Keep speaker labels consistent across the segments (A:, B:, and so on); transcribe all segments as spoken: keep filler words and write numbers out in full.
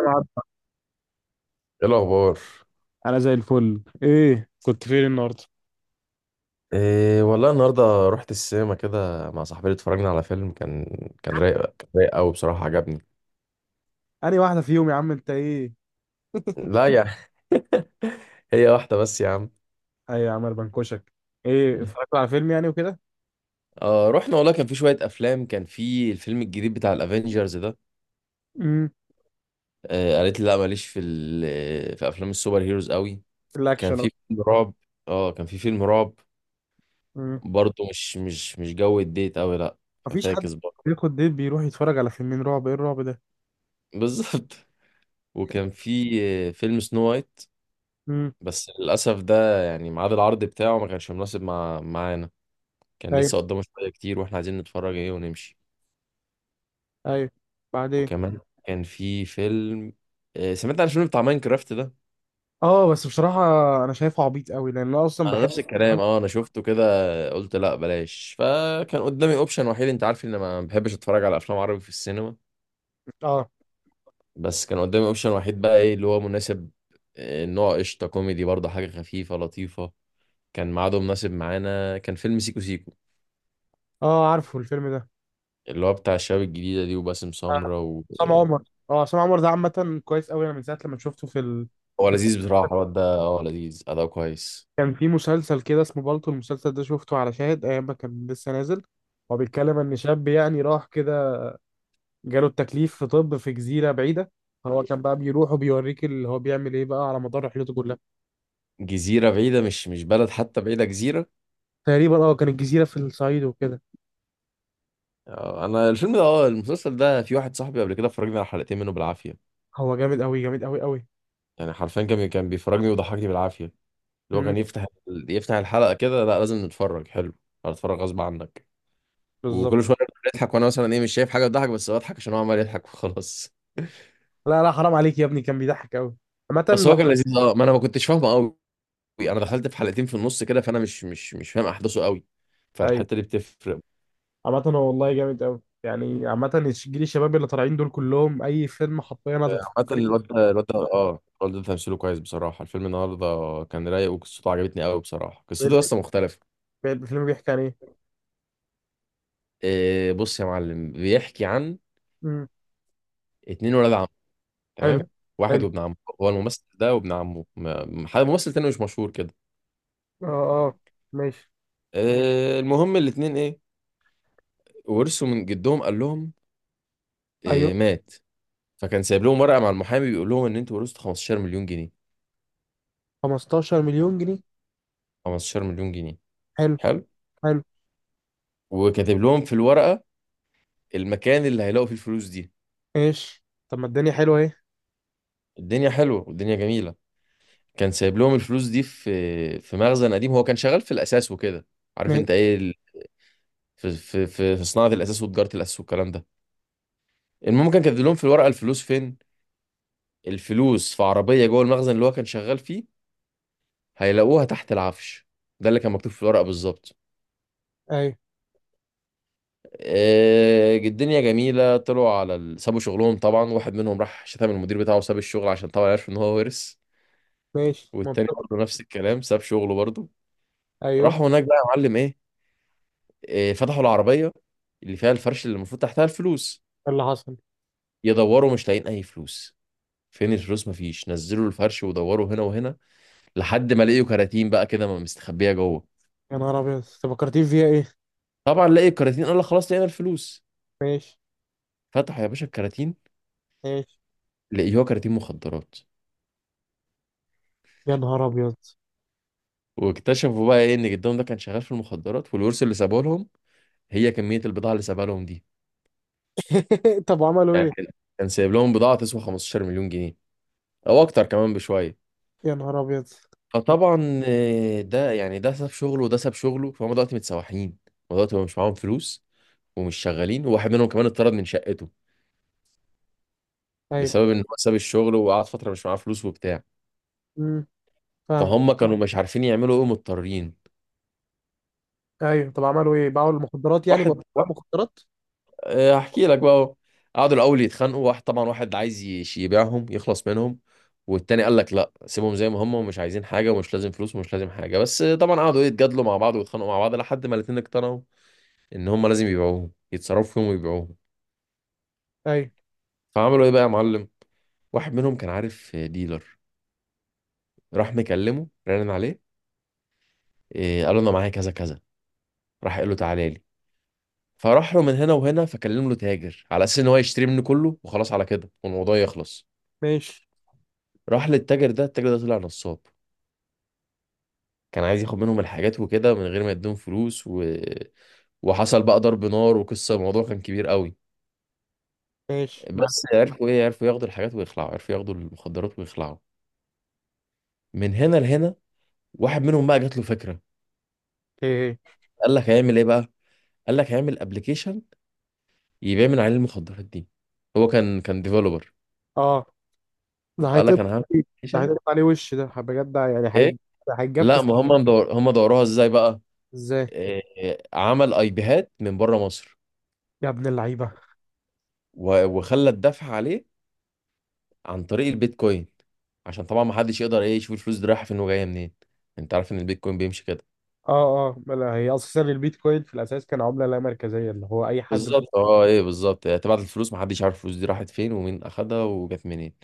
A: العب.
B: ايه الاخبار؟
A: انا زي الفل. ايه كنت فين النهارده؟
B: إيه والله، النهارده رحت السينما كده مع صاحبتي، اتفرجنا على فيلم كان كان رايق، كان رايق قوي بصراحه، عجبني.
A: انهي واحده فيهم يا عم انت؟ ايه؟
B: لا يا هي واحده بس يا عم.
A: اي يا عم، أنا بنكشك. ايه اتفرجت على فيلم يعني وكده؟
B: آه رحنا والله، كان في شوية أفلام، كان في الفيلم الجديد بتاع الأفينجرز ده.
A: امم
B: آه قالت لي لا، ماليش في ال- في أفلام السوبر هيروز قوي.
A: الاكشن
B: كان
A: أهو.
B: في فيلم رعب، آه كان في فيلم رعب،
A: امم
B: برضه مش مش مش جو الديت قوي، لا.
A: مفيش حد
B: ففاكس برضه.
A: بياخد ديت بيروح يتفرج على فيلمين رعب، ايه الرعب ده؟
B: بالظبط. وكان في آه، فيلم سنو وايت،
A: امم
B: بس للأسف ده يعني ميعاد العرض بتاعه ما كانش مناسب مع معانا، كان
A: ايوه،
B: لسه قدامه شوية كتير واحنا عايزين نتفرج ايه ونمشي.
A: ايوه، بعدين.
B: وكمان كان في فيلم، آه، سمعت عن الفيلم بتاع ماينكرافت ده.
A: اه بس بصراحه انا شايفه عبيط قوي، لان انا اصلا
B: انا
A: بحب.
B: نفس الكلام، اه انا شفته كده، قلت لا بلاش. فكان قدامي اوبشن وحيد، انت عارف ان ما بحبش اتفرج على افلام عربي في السينما.
A: اه
B: بس كان قدامي اوبشن وحيد بقى، ايه اللي هو مناسب؟ آه، نوع قشطة كوميدي، برضه حاجة خفيفة لطيفة، كان ميعاده مناسب معانا، كان فيلم سيكو سيكو
A: اه عارفه الفيلم ده.
B: اللي هو بتاع الشباب الجديدة دي وباسم
A: آه،
B: سمرة.
A: عصام عمر. اه عصام عمر ده عامه كويس قوي، انا من ساعه لما شفته في ال...
B: هو لذيذ بصراحة الواد ده، اه لذيذ، أداء كويس.
A: كان في مسلسل كده اسمه بالطو، المسلسل ده شفته على شاهد ايام ما كان لسه نازل. هو بيتكلم ان شاب يعني راح كده، جاله التكليف في طب في جزيره بعيده، هو كان بقى بيروح وبيوريك اللي هو بيعمل ايه بقى على مدار رحلته كلها.
B: جزيرة بعيدة، مش مش بلد حتى، بعيدة جزيرة.
A: تقريبا اه كان الجزيره في الصعيد وكده.
B: آه، أنا الفيلم ده، اه المسلسل ده، في واحد صاحبي قبل كده فرجني على حلقتين منه بالعافية.
A: هو جامد قوي، جامد قوي قوي.
B: يعني حرفيا كان كان بيفرجني وضحكني بالعافية. اللي هو
A: امم
B: كان يفتح، يفتح الحلقة كده: لا لازم نتفرج، حلو، هتتفرج غصب عنك.
A: بالظبط.
B: وكل شوية بيضحك وأنا مثلا إيه، مش شايف حاجة تضحك، بس بضحك عشان هو عمال يضحك وخلاص.
A: لا لا حرام عليك يا ابني، كان بيضحك قوي.
B: بس
A: عامه.
B: هو كان لذيذ، اه. ما أنا ما كنتش فاهمه قوي، أنا دخلت في حلقتين في النص كده، فأنا مش مش مش فاهم أحداثه قوي،
A: ايوه.
B: فالحتة دي بتفرق.
A: عامه هو والله جامد قوي يعني. عامه الش- جيل الشباب اللي طالعين دول كلهم، اي فيلم حرفيا هتتفرج
B: حتى الواد ده، الواد ده اه الواد ده تمثيله كويس بصراحة. الفيلم النهاردة كان رايق وقصته عجبتني قوي بصراحة، قصته
A: عليه.
B: لسه مختلفة.
A: الفيلم بيحكي عن ايه؟
B: إيه بص يا معلم، بيحكي عن
A: امم
B: اتنين ولاد عم،
A: حلو.
B: تمام؟ واحد وابن عمه، هو الممثل ده وابن عمه، م- م- حد ممثل تاني مش مشهور كده.
A: اه اه ماشي.
B: إيه المهم، الاتنين ايه، ورثوا من جدهم. قال لهم
A: ايوه.
B: إيه، مات. فكان سايب لهم ورقة مع المحامي بيقول لهم ان انتوا ورثتوا خمسة عشر مليون جنيه مليون جنيه.
A: خمستاشر مليون جنيه؟
B: خمسة عشر مليون جنيه مليون جنيه،
A: حلو.
B: حلو.
A: حلو.
B: وكاتب لهم في الورقة المكان اللي هيلاقوا فيه الفلوس دي.
A: ماشي، طب ما الدنيا حلوه اهي.
B: الدنيا حلوة والدنيا جميلة. كان سايب لهم الفلوس دي في في مخزن قديم، هو كان شغال في الاساس وكده، عارف
A: ماشي.
B: انت ايه ال- في في في في صناعه الاساس وتجاره الاساس والكلام ده. المهم كان كاتب لهم في الورقه الفلوس فين، الفلوس في عربيه جوه المخزن اللي هو كان شغال فيه، هيلاقوها تحت العفش، ده اللي كان مكتوب في الورقه بالظبط.
A: ايوه.
B: آه، الدنيا جميله، طلعوا على ال- سابوا شغلهم طبعا، واحد منهم راح شتم المدير بتاعه وساب الشغل عشان طبعا عرف ان هو ورث.
A: ماشي،
B: والتاني
A: منطقي.
B: برضه نفس الكلام، ساب شغله برضه.
A: ايوه.
B: راحوا هناك بقى يا معلم ايه، آه، فتحوا العربية اللي فيها الفرش اللي المفروض تحتها الفلوس.
A: إيه اللي حصل؟
B: يدوروا، مش لاقيين أي فلوس. فين الفلوس؟ مفيش. نزلوا الفرش ودوروا هنا وهنا، لحد ما لقيوا كراتين بقى كده م- مستخبية جوه.
A: يا نهار ابيض انت، فكرتين فيها ايه؟
B: طبعا لقي الكراتين قال لك خلاص لقينا الفلوس.
A: ماشي.
B: فتحوا يا باشا الكراتين،
A: ماشي.
B: لقيوها كراتين مخدرات.
A: يا نهار ابيض.
B: واكتشفوا بقى ايه ان جدهم ده كان شغال في المخدرات، والورث اللي سابوه لهم هي كمية البضاعة اللي سابها لهم دي.
A: طب عملوا
B: يعني
A: ايه؟
B: كان كان سايب لهم بضاعة تسوى خمسة عشر مليون جنيه مليون جنيه، او اكتر كمان بشوية.
A: يا نهار ابيض.
B: فطبعا آه، ده يعني ده ساب شغله وده ساب شغله، فهم دلوقتي متسوحين، هم دلوقتي مش معاهم فلوس ومش شغالين، وواحد منهم كمان اتطرد من شقته
A: ايوه.
B: بسبب ان هو ساب الشغل وقعد فتره مش معاه فلوس وبتاع.
A: امم فاهم.
B: فهم كانوا مش عارفين يعملوا ايه، مضطرين.
A: ايوه طب عملوا ايه؟ باعوا المخدرات يعني؟ باعوا
B: واحد واحد،
A: المخدرات؟
B: آه، هحكي لك بقى أهو. قعدوا الاول يتخانقوا، واحد طبعا واحد عايز يش- يبيعهم يخلص منهم، والتاني قال لك لا سيبهم زي ما هم، ومش عايزين حاجه ومش لازم فلوس ومش لازم حاجه. بس آه، طبعا قعدوا إيه، يتجادلوا مع بعض ويتخانقوا مع بعض، لحد ما الاتنين اقتنعوا ان هم لازم يبيعوهم، يتصرفوا فيهم ويبيعوهم.
A: ايوه.
B: فعملوا ايه بقى يا معلم، واحد منهم كان عارف ديلر، راح مكلمه، رن عليه، إيه قال له انا معايا كذا كذا، راح قال له تعالى لي. فراح له من هنا وهنا، فكلم له تاجر على اساس ان هو يشتري منه كله وخلاص على كده والموضوع يخلص.
A: ماشي.
B: راح للتاجر ده، التاجر ده طلع نصاب، كان عايز ياخد منهم الحاجات وكده من غير ما يديهم فلوس و... وحصل بقى ضرب نار وقصه، الموضوع كان كبير قوي.
A: ماشي معاك.
B: بس عرفوا ايه، عرفوا ياخدوا الحاجات ويخلعوا، عرفوا ياخدوا المخدرات ويخلعوا من هنا لهنا. واحد منهم بقى جات له فكره،
A: ايه ايه؟
B: قال لك هيعمل ايه بقى؟ قال لك هيعمل ابلكيشن يبيع من عليه المخدرات دي. هو كان كان ديفلوبر،
A: اه ده
B: فقال لك
A: هيطب.
B: انا هعمل
A: ده
B: ابلكيشن.
A: هيطب عليه وش ده بجد يعني
B: ايه
A: هيج-
B: لا،
A: هيتجفس.
B: ما هم مدور، هم دوروها ازاي بقى،
A: ازاي؟
B: إيه عمل اي بيهات من بره مصر
A: يا ابن اللعيبة.
B: و- وخلى الدفع عليه عن طريق البيتكوين عشان طبعا ما حدش يقدر ايه يشوف الفلوس دي رايحه فين وجايه منين. انت عارف ان البيتكوين بيمشي كده.
A: اه. اه ما لا، هي اساسا البيتكوين في الاساس كان عملة لا مركزية، اللي هو اي حد.
B: بالظبط، اه، ايه بالظبط، يعني تبعت الفلوس ما حدش عارف الفلوس دي راحت فين ومين اخدها وجت منين.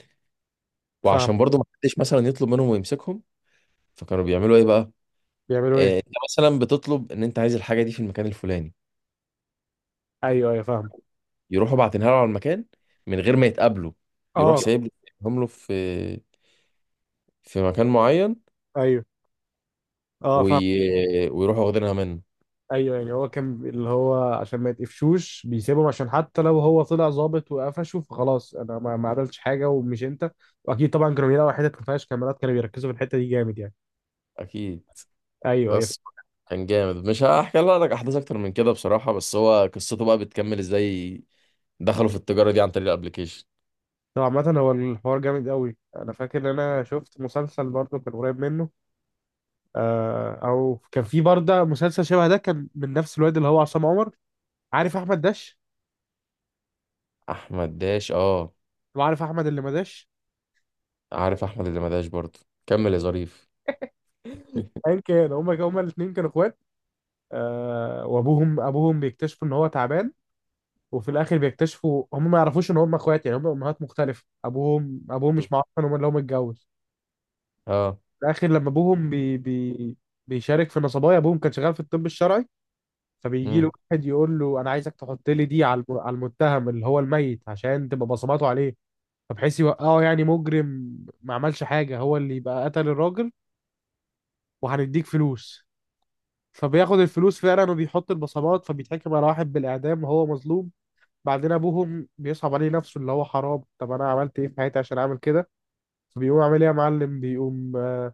A: فاهم.
B: وعشان برضو ما حدش مثلا يطلب منهم ويمسكهم، فكانوا بيعملوا ايه بقى،
A: بيعملوا ايه؟
B: آه، انت مثلا بتطلب ان انت عايز الحاجه دي في المكان الفلاني،
A: ايوه ايوه فاهم.
B: يروحوا باعتينها له على المكان من غير ما يتقابلوا، يروح
A: اه
B: سايب له سايبهم له في في مكان معين،
A: ايوه. اه فاهم.
B: وي... ويروحوا واخدينها منه.
A: ايوه، يعني هو كان اللي هو عشان ما يتقفشوش بيسيبهم، عشان حتى لو هو طلع ظابط وقفشه فخلاص انا ما ما عملتش حاجة ومش انت. واكيد طبعا كانوا بيلاقوا حتت ما فيهاش كاميرات، كانوا بيركزوا في الحتة دي جامد يعني.
B: اكيد.
A: ايوه ايوه.
B: بس كان جامد، مش هحكي لك احداث اكتر من كده بصراحه، بس هو قصته بقى بتكمل ازاي، دخلوا في التجاره دي عن طريق الابليكيشن.
A: طبعا. عامة هو الحوار جامد قوي، انا فاكر ان انا شفت مسلسل برضه كان قريب منه. آه، او كان في برضه مسلسل شبه ده كان من نفس الواد اللي هو عصام عمر. عارف احمد داش؟
B: احمد داش، اه.
A: وعارف احمد اللي ما داش؟
B: عارف احمد اللي ما داش برضه. كمل يا ظريف.
A: ايا كان، هما هما الاثنين كانوا اخوات. آه، وابوهم، ابوهم بيكتشفوا ان هو تعبان. وفي الاخر بيكتشفوا هم ما يعرفوش ان هم اخوات، يعني هم امهات مختلفه، ابوهم ابوهم مش معروف ان هو اللي هو متجوز.
B: اه.
A: في الاخر لما ابوهم بي بي بيشارك في نصبايا، ابوهم كان شغال في الطب الشرعي. فبيجي له
B: مم.
A: واحد يقول له انا عايزك تحط لي دي على الم- على المتهم اللي هو الميت، عشان تبقى بصماته عليه، فبحيث يوقعه يعني مجرم ما عملش حاجة، هو اللي يبقى قتل الراجل، وهنديك فلوس. فبياخد الفلوس فعلا وبيحط البصمات، فبيتحكم على واحد بالإعدام وهو مظلوم. بعدين أبوهم بيصعب عليه نفسه، اللي هو حرام طب أنا عملت إيه في حياتي عشان أعمل كده. فبيقوم عامل إيه يا معلم؟ بيقوم آه،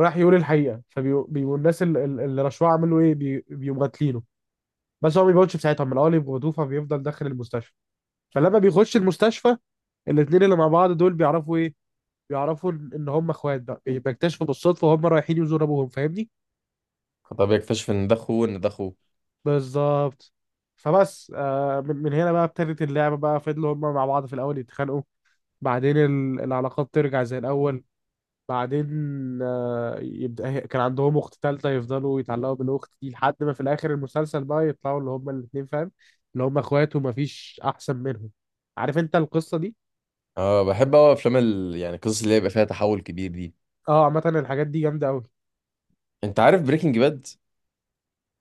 A: راح يقول الحقيقة، فبيقوم الناس ال- ال- اللي رشوه عملوا إيه؟ بي- بيقوم قاتلينه. بس هو ما بيموتش في ساعتها من الأول يبقى، فبيفضل داخل المستشفى. فلما بيخش المستشفى، الاتنين اللي مع بعض دول بيعرفوا إيه؟ بيعرفوا ان إن هم اخوات بقى، يعني بيكتشفوا بالصدفه وهم رايحين يزوروا ابوهم. فاهمني؟
B: طب يكتشف ان ده اخوه، ان ده اخوه.
A: بالظبط. فبس آه من من هنا بقى ابتدت اللعبه بقى، فضلوا هم مع بعض في الاول يتخانقوا، بعدين ال- العلاقات ترجع زي الاول. بعدين آه يبدا هي- كان عندهم اخت تالته، يفضلوا يتعلقوا بالاخت دي لحد ما في الاخر المسلسل بقى يطلعوا اللي هم الاثنين، فاهم؟ اللي هم اخوات ومفيش احسن منهم. عارف انت القصه دي؟
B: اه، بحب اوي افلام ال... يعني القصص اللي يبقى فيها تحول كبير دي.
A: اه عامه الحاجات دي جامده قوي.
B: انت عارف بريكنج باد؟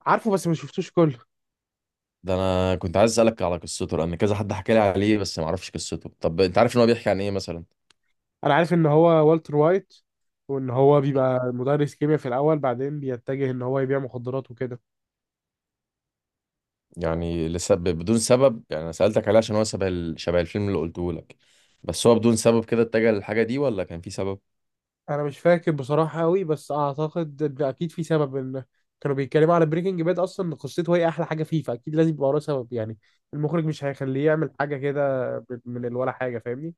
A: عارفه بس ما شفتوش كله.
B: ده انا كنت عايز اسالك على قصته، لان كذا حد حكى لي عليه بس ما اعرفش قصته. طب انت عارف ان هو بيحكي عن ايه مثلا؟
A: انا عارف ان هو والتر وايت، وان هو بيبقى مدرس كيمياء في الاول، بعدين بيتجه ان هو يبيع مخدرات وكده.
B: يعني لسبب بدون سبب، يعني انا سالتك عليه عشان هو شبه ال... شبه الفيلم اللي قلته لك. بس هو بدون سبب كده اتجه للحاجه دي، ولا كان في سبب؟
A: انا مش فاكر بصراحه قوي، بس اعتقد ان اكيد في سبب. ان كانوا بيتكلموا على بريكنج باد اصلا إن قصته هي احلى حاجه فيه، فاكيد لازم يبقى وراه سبب يعني. المخرج مش هيخليه يعمل حاجه كده ب- من الولا حاجه، فاهمني؟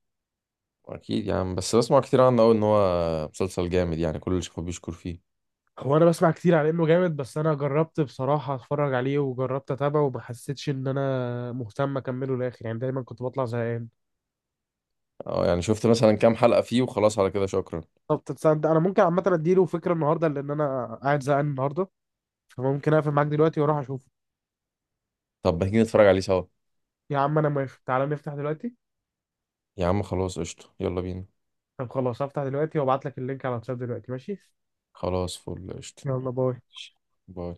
B: اكيد يعني، بس بسمع كتير عنه قوي ان هو مسلسل جامد يعني، كل اللي شافه بيشكر فيه.
A: هو انا بسمع كتير على انه جامد، بس انا جربت بصراحه اتفرج عليه وجربت اتابعه وما حسيتش ان انا مهتم اكمله للاخر، يعني دايما كنت بطلع زهقان.
B: اه، يعني شفت مثلا كام حلقه فيه وخلاص على كده شكرا.
A: طب تصدق انا ممكن عامه اديله فكره النهارده، لان انا قاعد زهقان النهارده، فممكن اقفل معاك دلوقتي واروح اشوفه.
B: طب ما تيجي نتفرج عليه سوا؟
A: يا عم انا موافق، تعالى نفتح دلوقتي.
B: يا عم خلاص قشطه، يلا بينا.
A: طب خلاص هفتح دلوقتي، وابعت لك اللينك على الواتساب دلوقتي، ماشي؟
B: خلاص فل قشطة،
A: يلا باي.
B: باي.